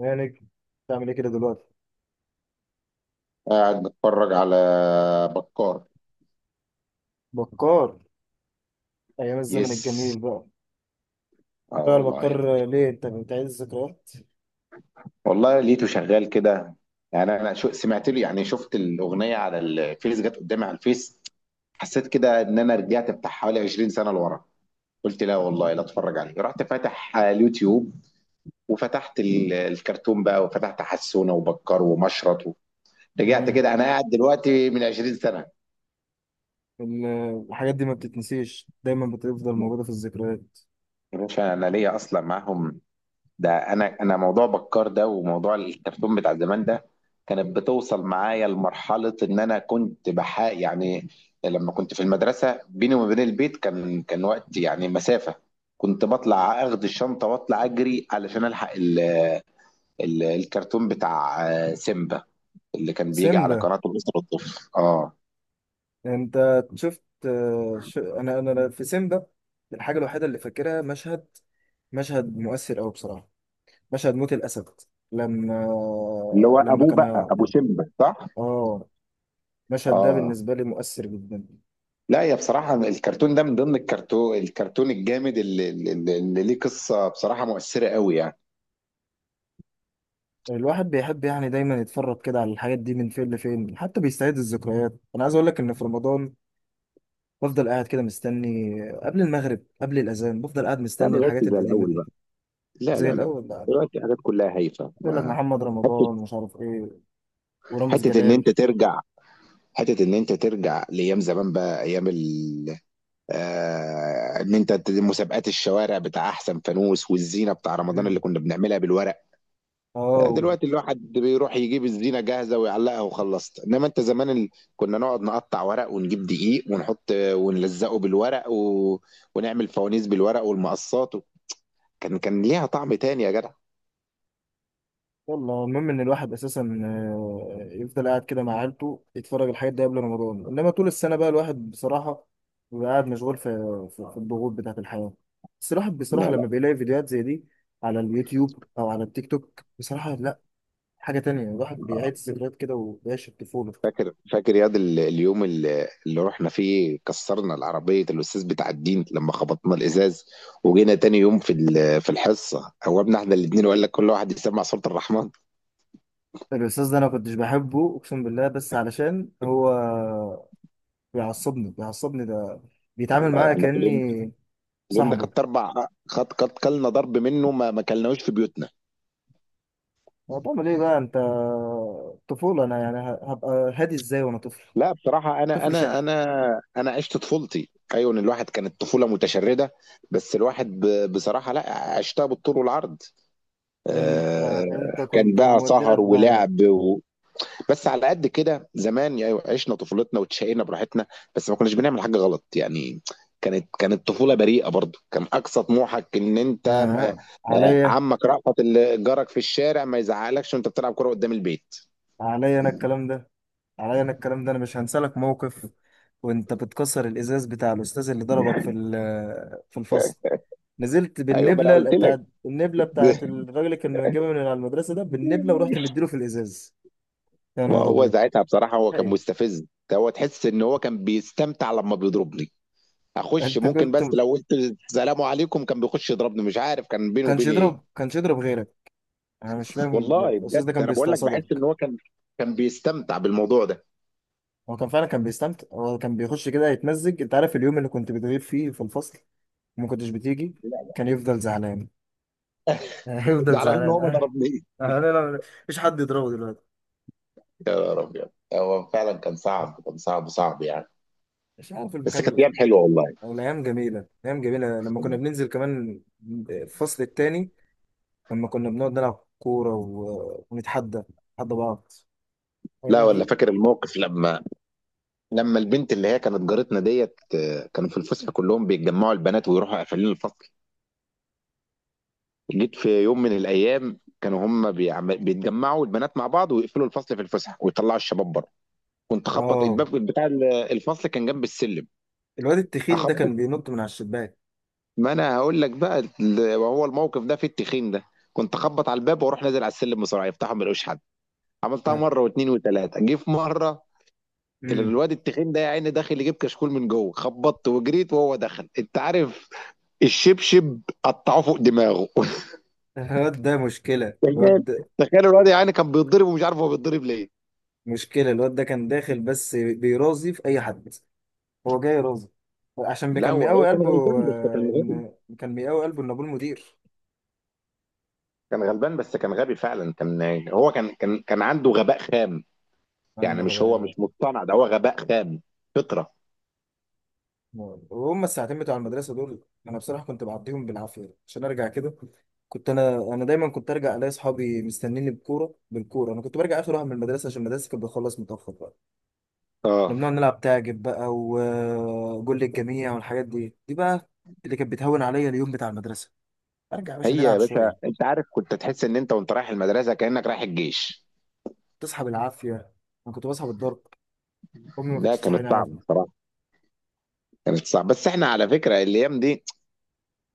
يا نجم، بتعمل ايه كده دلوقتي؟ قاعد بتفرج على بكار. بكار، ايام الزمن يس، الجميل بقى. اه ايوه انا والله يا بكار، ابني. ليه انت بتعيد الذكريات؟ والله لقيته شغال كده، انا سمعت له، شفت الاغنيه على الفيس، جت قدامي على الفيس. حسيت كده ان انا رجعت بتاع حوالي 20 سنه لورا. قلت لا والله لا اتفرج عليه، رحت فاتح على اليوتيوب وفتحت الكرتون بقى، وفتحت حسونه وبكار ومشرط رجعت امم كده. انا قاعد دلوقتي من 20 سنه. ال- الحاجات دي ما بتتنسيش، دايما بتفضل موجوده في الذكريات. يا باشا انا ليا اصلا معاهم، ده انا موضوع بكار ده وموضوع الكرتون بتاع زمان ده كانت بتوصل معايا لمرحله ان انا كنت بحا يعني لما كنت في المدرسه بيني وما بين البيت كان وقت، يعني مسافه. كنت بطلع اخد الشنطه واطلع اجري علشان الحق ال ال الكرتون بتاع سيمبا، اللي كان بيجي على سيمبا؟ قناه الاسره والطفل. اه، انت شفت، آه، ش... انا انا أنا في سيمبا، الحاجه الوحيده اللي فاكرها مشهد مشهد مؤثر قوي بصراحه، مشهد موت الاسد. لما اللي هو لما ابوه كان بقى، هيعض. ابو سيمبا صح. اه، المشهد ده اه بالنسبه لي مؤثر جدا. لا، يا بصراحة الكرتون ده من ضمن الكرتون الجامد اللي ليه قصة بصراحة مؤثرة قوي يعني. الواحد بيحب يعني دايما يتفرج كده على الحاجات دي من فين لفين، حتى بيستعيد الذكريات. انا عايز اقول لك ان في رمضان بفضل قاعد كده مستني قبل المغرب، قبل الاذان، بفضل قاعد لا مستني ما بقتش الحاجات زي القديمه الاول دي. بقى، زي لا، الاول بقى، أنا دلوقتي الحاجات كلها هايفه. يقول لك ما محمد حته، رمضان مش عارف ايه ورامز حته ان انت جلال. ترجع لايام زمان بقى، ايام ال آه ان انت ت- مسابقات الشوارع بتاع احسن فانوس، والزينه بتاع رمضان اللي مم. كنا بنعملها بالورق. اه، دلوقتي الواحد بيروح يجيب الزينه جاهزه ويعلقها وخلصت، انما انت زمان. كنا نقعد نقطع ورق ونجيب دقيق ونحط ونلزقه بالورق، و... ونعمل فوانيس بالورق والمقصات. و... كان ليها طعم تاني يا جدع. والله المهم ان الواحد اساسا يفضل قاعد كده مع عيلته يتفرج على الحاجات دي قبل رمضان، انما طول السنه بقى الواحد بصراحه بيبقى قاعد مشغول في الضغوط بتاعه الحياه. بس الواحد بصراحه لا لا، لما بيلاقي فيديوهات زي دي على اليوتيوب او على التيك توك، بصراحه لا، حاجه تانية، الواحد بيعيد الذكريات كده وبيعيش الطفوله. فاكر ياض اليوم اللي رحنا فيه كسرنا العربية، الأستاذ بتاع الدين لما خبطنا الإزاز وجينا تاني يوم في في الحصة، قومنا احنا الاتنين وقال لك كل واحد يسمع سورة الرحمن. الاستاذ ده انا كنتش بحبه، اقسم بالله، بس علشان هو بيعصبني، ده بيتعامل معايا احنا في اليوم، كاني اليوم ده صاحبه. خدت اربع، خد كلنا ضرب منه، ما كلناهوش في بيوتنا. هتعمل ايه بقى انت؟ طفولة انا يعني، هبقى هادي ازاي وانا طفل؟ لا بصراحه، انا طفل شقي. عشت طفولتي، ايوه، إن الواحد كانت طفوله متشرده. بس الواحد بصراحه لا، عشتها بالطول والعرض. انت آه، انت كان كنت بقى مودينا سهر في داهية. ولعب. و... بس على قد كده زمان يعني، عشنا طفولتنا وتشقينا براحتنا، بس ما كناش بنعمل حاجه غلط يعني. كانت طفوله بريئه، برضو كان اقصى طموحك ان انت آه. عمك رأفت اللي جارك في الشارع ما يزعقلكش وانت بتلعب كرة قدام البيت. عليا انا الكلام ده عليا انا الكلام ده، انا مش هنسى لك موقف، وانت بتكسر الازاز بتاع الاستاذ اللي ضربك في الفصل، نزلت أيوه ما أنا بالنبله، قُلت لك. بتاعت الراجل اللي كنا بنجيبها من على المدرسه، ده بالنبله، ورحت مديله في الازاز. يا ما نهار هو ابيض! ساعتها بصراحة هو كان ايه؟ مستفز، هو تحس إن هو كان بيستمتع لمّا بيضربني، أخُش انت ممكن كنت بس لو قُلت السلام عليكم كان بيخُش يضربني، مش عارف كان بينه كانش وبيني إيه. يضرب كانش يضرب غيرك. انا مش فاهم والله الاستاذ ده بجد كان أنا باقول لك باحس إن بيستقصدك. هو كان بيستمتع بالموضوع ده. هو كان فعلا كان بيستمتع، هو كان بيخش كده يتمزج. انت عارف اليوم اللي كنت بتغيب فيه في الفصل وما كنتش بتيجي، كان يفضل زعلان. هيفضل زعلان إن زعلان، هو ما اه. ضربنيش. لا لا لا، مفيش حد يضربه دلوقتي. يا نهار أبيض! هو فعلًا كان صعب، كان صعب، صعب يعني. مش عارف بس المكان كانت أيام حلوة والله. او الايام جميله، ايام جميله لما كنا بننزل كمان الفصل التاني، لما كنا بنقعد نلعب كوره ونتحدى، نتحدى بعض، لا الايام والّا دي. فاكر الموقف لما البنت اللي هي كانت جارتنا ديت، كانوا في الفسحه كلهم بيتجمعوا البنات ويروحوا قافلين الفصل. جيت في يوم من الايام كانوا هم بيتجمعوا البنات مع بعض ويقفلوا الفصل في الفسحه ويطلعوا الشباب بره. كنت اخبط اه، الباب بتاع الفصل، كان جنب السلم. الواد التخين ده اخبط، كان بينط من على الشباك، ما انا هقول لك بقى ال- وهو الموقف ده في التخين ده. كنت اخبط على الباب واروح نازل على السلم بسرعه، يفتحوا ما يلاقوش حد. عملتها ده. مره واثنين وثلاثه، جه في مره امم الواد التخين ده يا عيني داخل يجيب كشكول من جوه، خبطت وجريت وهو دخل. انت عارف، الشبشب قطعوه فوق دماغه. الواد ده مشكله تخيل، الواد تخيل الواد يعني كان بيتضرب ومش عارف هو بيتضرب ليه. مشكلة الواد ده، كان داخل بس بيراضي في أي حد، هو جاي راضي عشان لا كان هو، مقاوي كان قلبه. غلبان بس كان إن كان مقاوي قلبه إن أبوه المدير، غبي فعلا. كان هو كان كان كان عنده غباء خام عنده يعني، مش هو غباء. مش مصطنع، ده هو غباء خام فطرة. وهم الساعتين بتوع المدرسة دول أنا بصراحة كنت بعديهم بالعافية عشان أرجع كده. كنت أنا دايما كنت أرجع ألاقي أصحابي مستنيني بكورة، بالكورة، أنا كنت برجع آخر واحد من المدرسة عشان المدرسة كانت بتخلص متأخر بقى. كنا اه، بنقعد نلعب تعجب بقى وجول الجميع والحاجات دي بقى، اللي كانت بتهون عليا اليوم بتاع المدرسة. أرجع يا باشا هي يا نلعب باشا، شوية. انت عارف كنت تحس ان انت وانت رايح المدرسة كأنك رايح الجيش. تصحى بالعافيه، انا كنت بصحى بالضرب، امي ما ده كانتش تصحيني كانت صعبة عادي. الصراحة، كانت صعبة. بس احنا على فكرة الايام دي،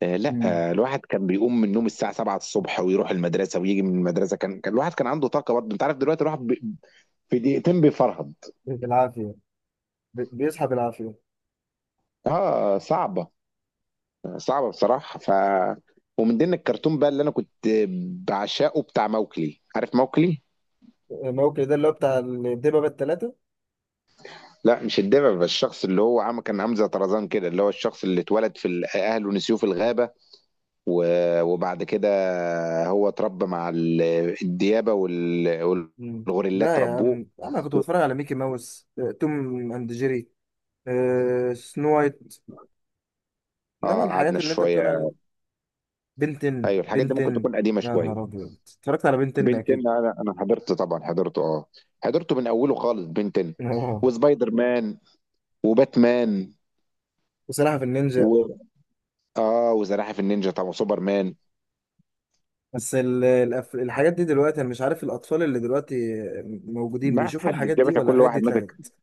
آه لا امم آه، الواحد كان بيقوم من النوم الساعة 7 الصبح ويروح المدرسة ويجي من المدرسة، كان الواحد كان عنده طاقة برضه. انت عارف دلوقتي الواحد في دقيقتين بيفرهد. بالعافيه، بيصحى بالعافيه. اه صعبة، صعبة بصراحة. ومن ضمن الكرتون بقى اللي انا كنت بعشقه، بتاع موكلي، عارف موكلي؟ موكل ده اللي هو بتاع الدببه بالثلاثه؟ لا مش الدببة، بس الشخص اللي هو عم كان عامل زي طرزان كده، اللي هو الشخص اللي اتولد في اهله نسيوه في الغابة وبعد كده هو اتربى مع الديابة امم والغوريلات لا يا عم، ربوه. انا كنت بتفرج على ميكي ماوس، توم اند جيري، سنو وايت. انما اه الحاجات قعدنا اللي انت بتقول شوية. عليها، بنتن، ايوه الحاجات دي ممكن تكون قديمه يا شويه. نهار ابيض! اتفرجت على بنتن بين اكيد. 10، انا حضرت طبعا، حضرته. اه، حضرته من اوله خالص، بين 10 اه، وسبايدر مان وباتمان، بصراحه في النينجا. و اه وزراحف النينجا طبعا، وسوبرمان. بس الحاجات دي دلوقتي انا مش عارف الاطفال اللي دلوقتي موجودين ما بيشوفوا حد الحاجات يا دي باشا، ولا كل الحاجات دي واحد ماسك، اتلغت؟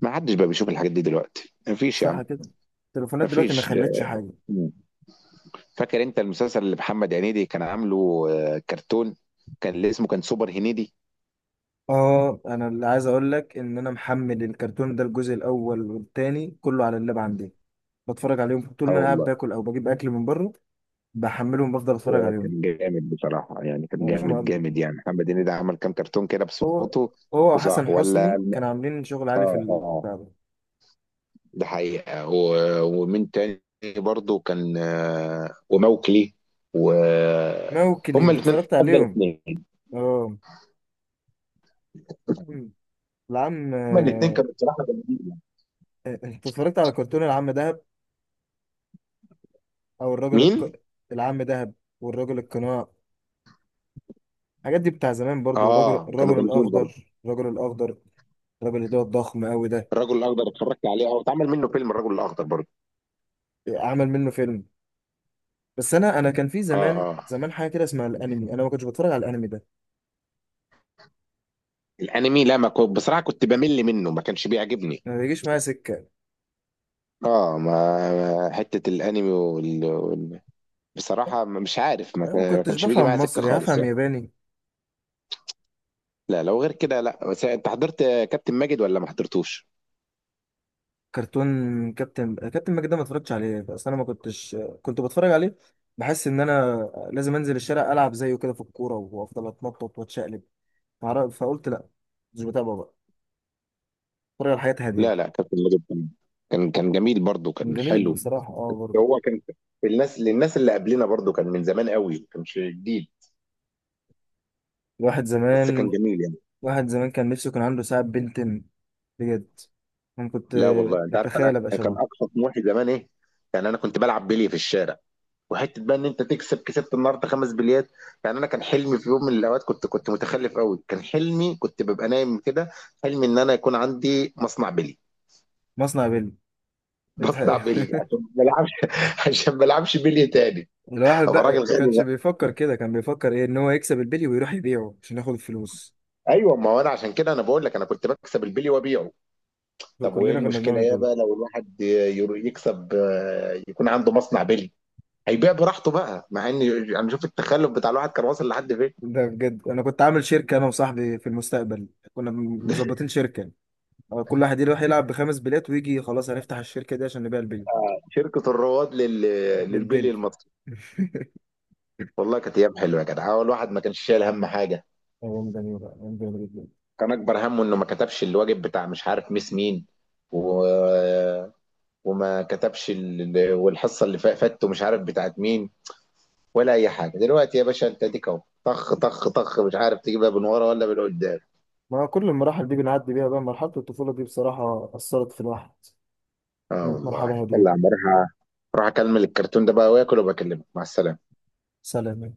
ما حدش بقى بيشوف الحاجات دي دلوقتي، ما فيش يا عم. صح كده. التليفونات ما دلوقتي ما فيش. خلتش حاجه. فاكر انت المسلسل اللي محمد هنيدي كان عامله، كرتون، اللي اسمه كان سوبر هنيدي؟ اه، انا اللي عايز اقول لك ان انا محمل الكرتون ده الجزء الاول والتاني كله على اللاب عندي، بتفرج عليهم طول اه ما انا قاعد والله. باكل او بجيب اكل من بره، بحملهم بفضل اتفرج عليهم. كان جامد بصراحه يعني، كان هو مش مقبل. جامد يعني. محمد هنيدي عمل كام كرتون كده هو بصوته؟ هو فظاع وحسن ولا. حسني كانوا عاملين شغل عالي في اه اه، البتاع ده. ده حقيقة. ومن تاني برضو كان وموكلي، و موكلي هما انت الاثنين اتفرجت افضل عليهم؟ اثنين، اه. العم، هما الاثنين كانوا بصراحة جامدين. انت اتفرجت على كرتون العم دهب، او مين؟ العم دهب والراجل القناع؟ الحاجات دي بتاع زمان برضو. اه كانوا الرجل جامدين برضو. الاخضر، الراجل اللي هو الضخم قوي ده، الرجل الاخضر اتفرجت عليه، اه اتعمل منه فيلم الرجل الاخضر برضو. عمل منه فيلم. بس انا كان في اه زمان، اه حاجه كده اسمها الانمي، انا ما كنتش بتفرج على الانمي ده، الانمي لا، ما كنت بصراحة كنت بمل منه، ما كانش بيعجبني. ما بيجيش معايا سكه. اه، حتة الانمي بصراحة مش عارف، انا ما ما كنتش كانش بيجي معايا بفهم سكة مصري، خالص هفهم يعني. ياباني؟ لا لو غير كده لا، بس انت حضرت كابتن ماجد ولا ما حضرتوش؟ كرتون كابتن ماجد ده ما اتفرجتش عليه. بس انا ما كنتش كنت بتفرج عليه، بحس ان انا لازم انزل الشارع العب زيه كده في الكوره وافضل اتنطط واتشقلب. فقلت لا، مش بتابعه بقى، اتفرج على حياة لا هاديه. لا، كان فيلم جدا، كان جميل برضه، كان جميل حلو. بصراحه، اه برضه. هو كان الناس اللي قبلنا برضه، كان من زمان قوي، ما كانش جديد، الواحد بس كان زمان جميل يعني. واحد زمان كان نفسه كان عنده ساعة بنتن، بجد، انا كنت لا والله انت عارف بتخيل ابقى انا كان شبهه. اقصى طموحي زمان ايه؟ يعني انا كنت بلعب بلي في الشارع، وحته بقى ان انت تكسب، كسبت النهارده خمس بليات. يعني انا كان حلمي في يوم من الاوقات، كنت متخلف قوي، كان حلمي، كنت ببقى نايم كده، حلمي ان انا يكون عندي مصنع بلي، مصنع بيلي! بصنع بلي عشان ما بلعبش عشان ما بلعبش بلي تاني. الواحد ابقى راجل بقى ما غني. كانش بيفكر كده، كان بيفكر ايه؟ ان هو يكسب البلي ويروح يبيعه عشان ياخد الفلوس. ايوه، ما هو انا عشان كده انا بقول لك انا كنت بكسب البلي وابيعه. طب وايه كلنا كنا المشكله بنعمل ايه كده. بقى لو الواحد يكسب، يكون عنده مصنع بلي، هيبيع براحته بقى. مع ان انا شوف التخلف بتاع الواحد كان واصل لحد فين. ده بجد انا كنت عامل شركة انا وصاحبي في المستقبل، كنا مظبطين شركة، كل واحد يروح يلعب بخمس بليات ويجي، خلاص هنفتح الشركة دي عشان نبيع البلي، شركه الرواد للبلي البلي المصري. والله كانت ايام حلوه يا جدع، هو الواحد ما كانش شايل هم حاجه. أيام جميلة، أيام جميلة جدا. كان اكبر همه انه ما كتبش الواجب بتاع مش عارف ميس مين، و... والحصه اللي فاتته مش عارف بتاعت مين، ولا اي حاجه. دلوقتي يا باشا انت اديك اهو، طخ طخ طخ، مش عارف تجيبها من ورا ولا من قدام. ما كل المراحل دي بنعدي بيها بقى، مرحلة الطفولة دي بصراحة أثرت في الواحد، اه كانت مرحلة والله، هادية. يلا يا عم اروح، أ- اروح اكمل الكرتون ده بقى واكل، وبكلمك. مع السلامه. سلام.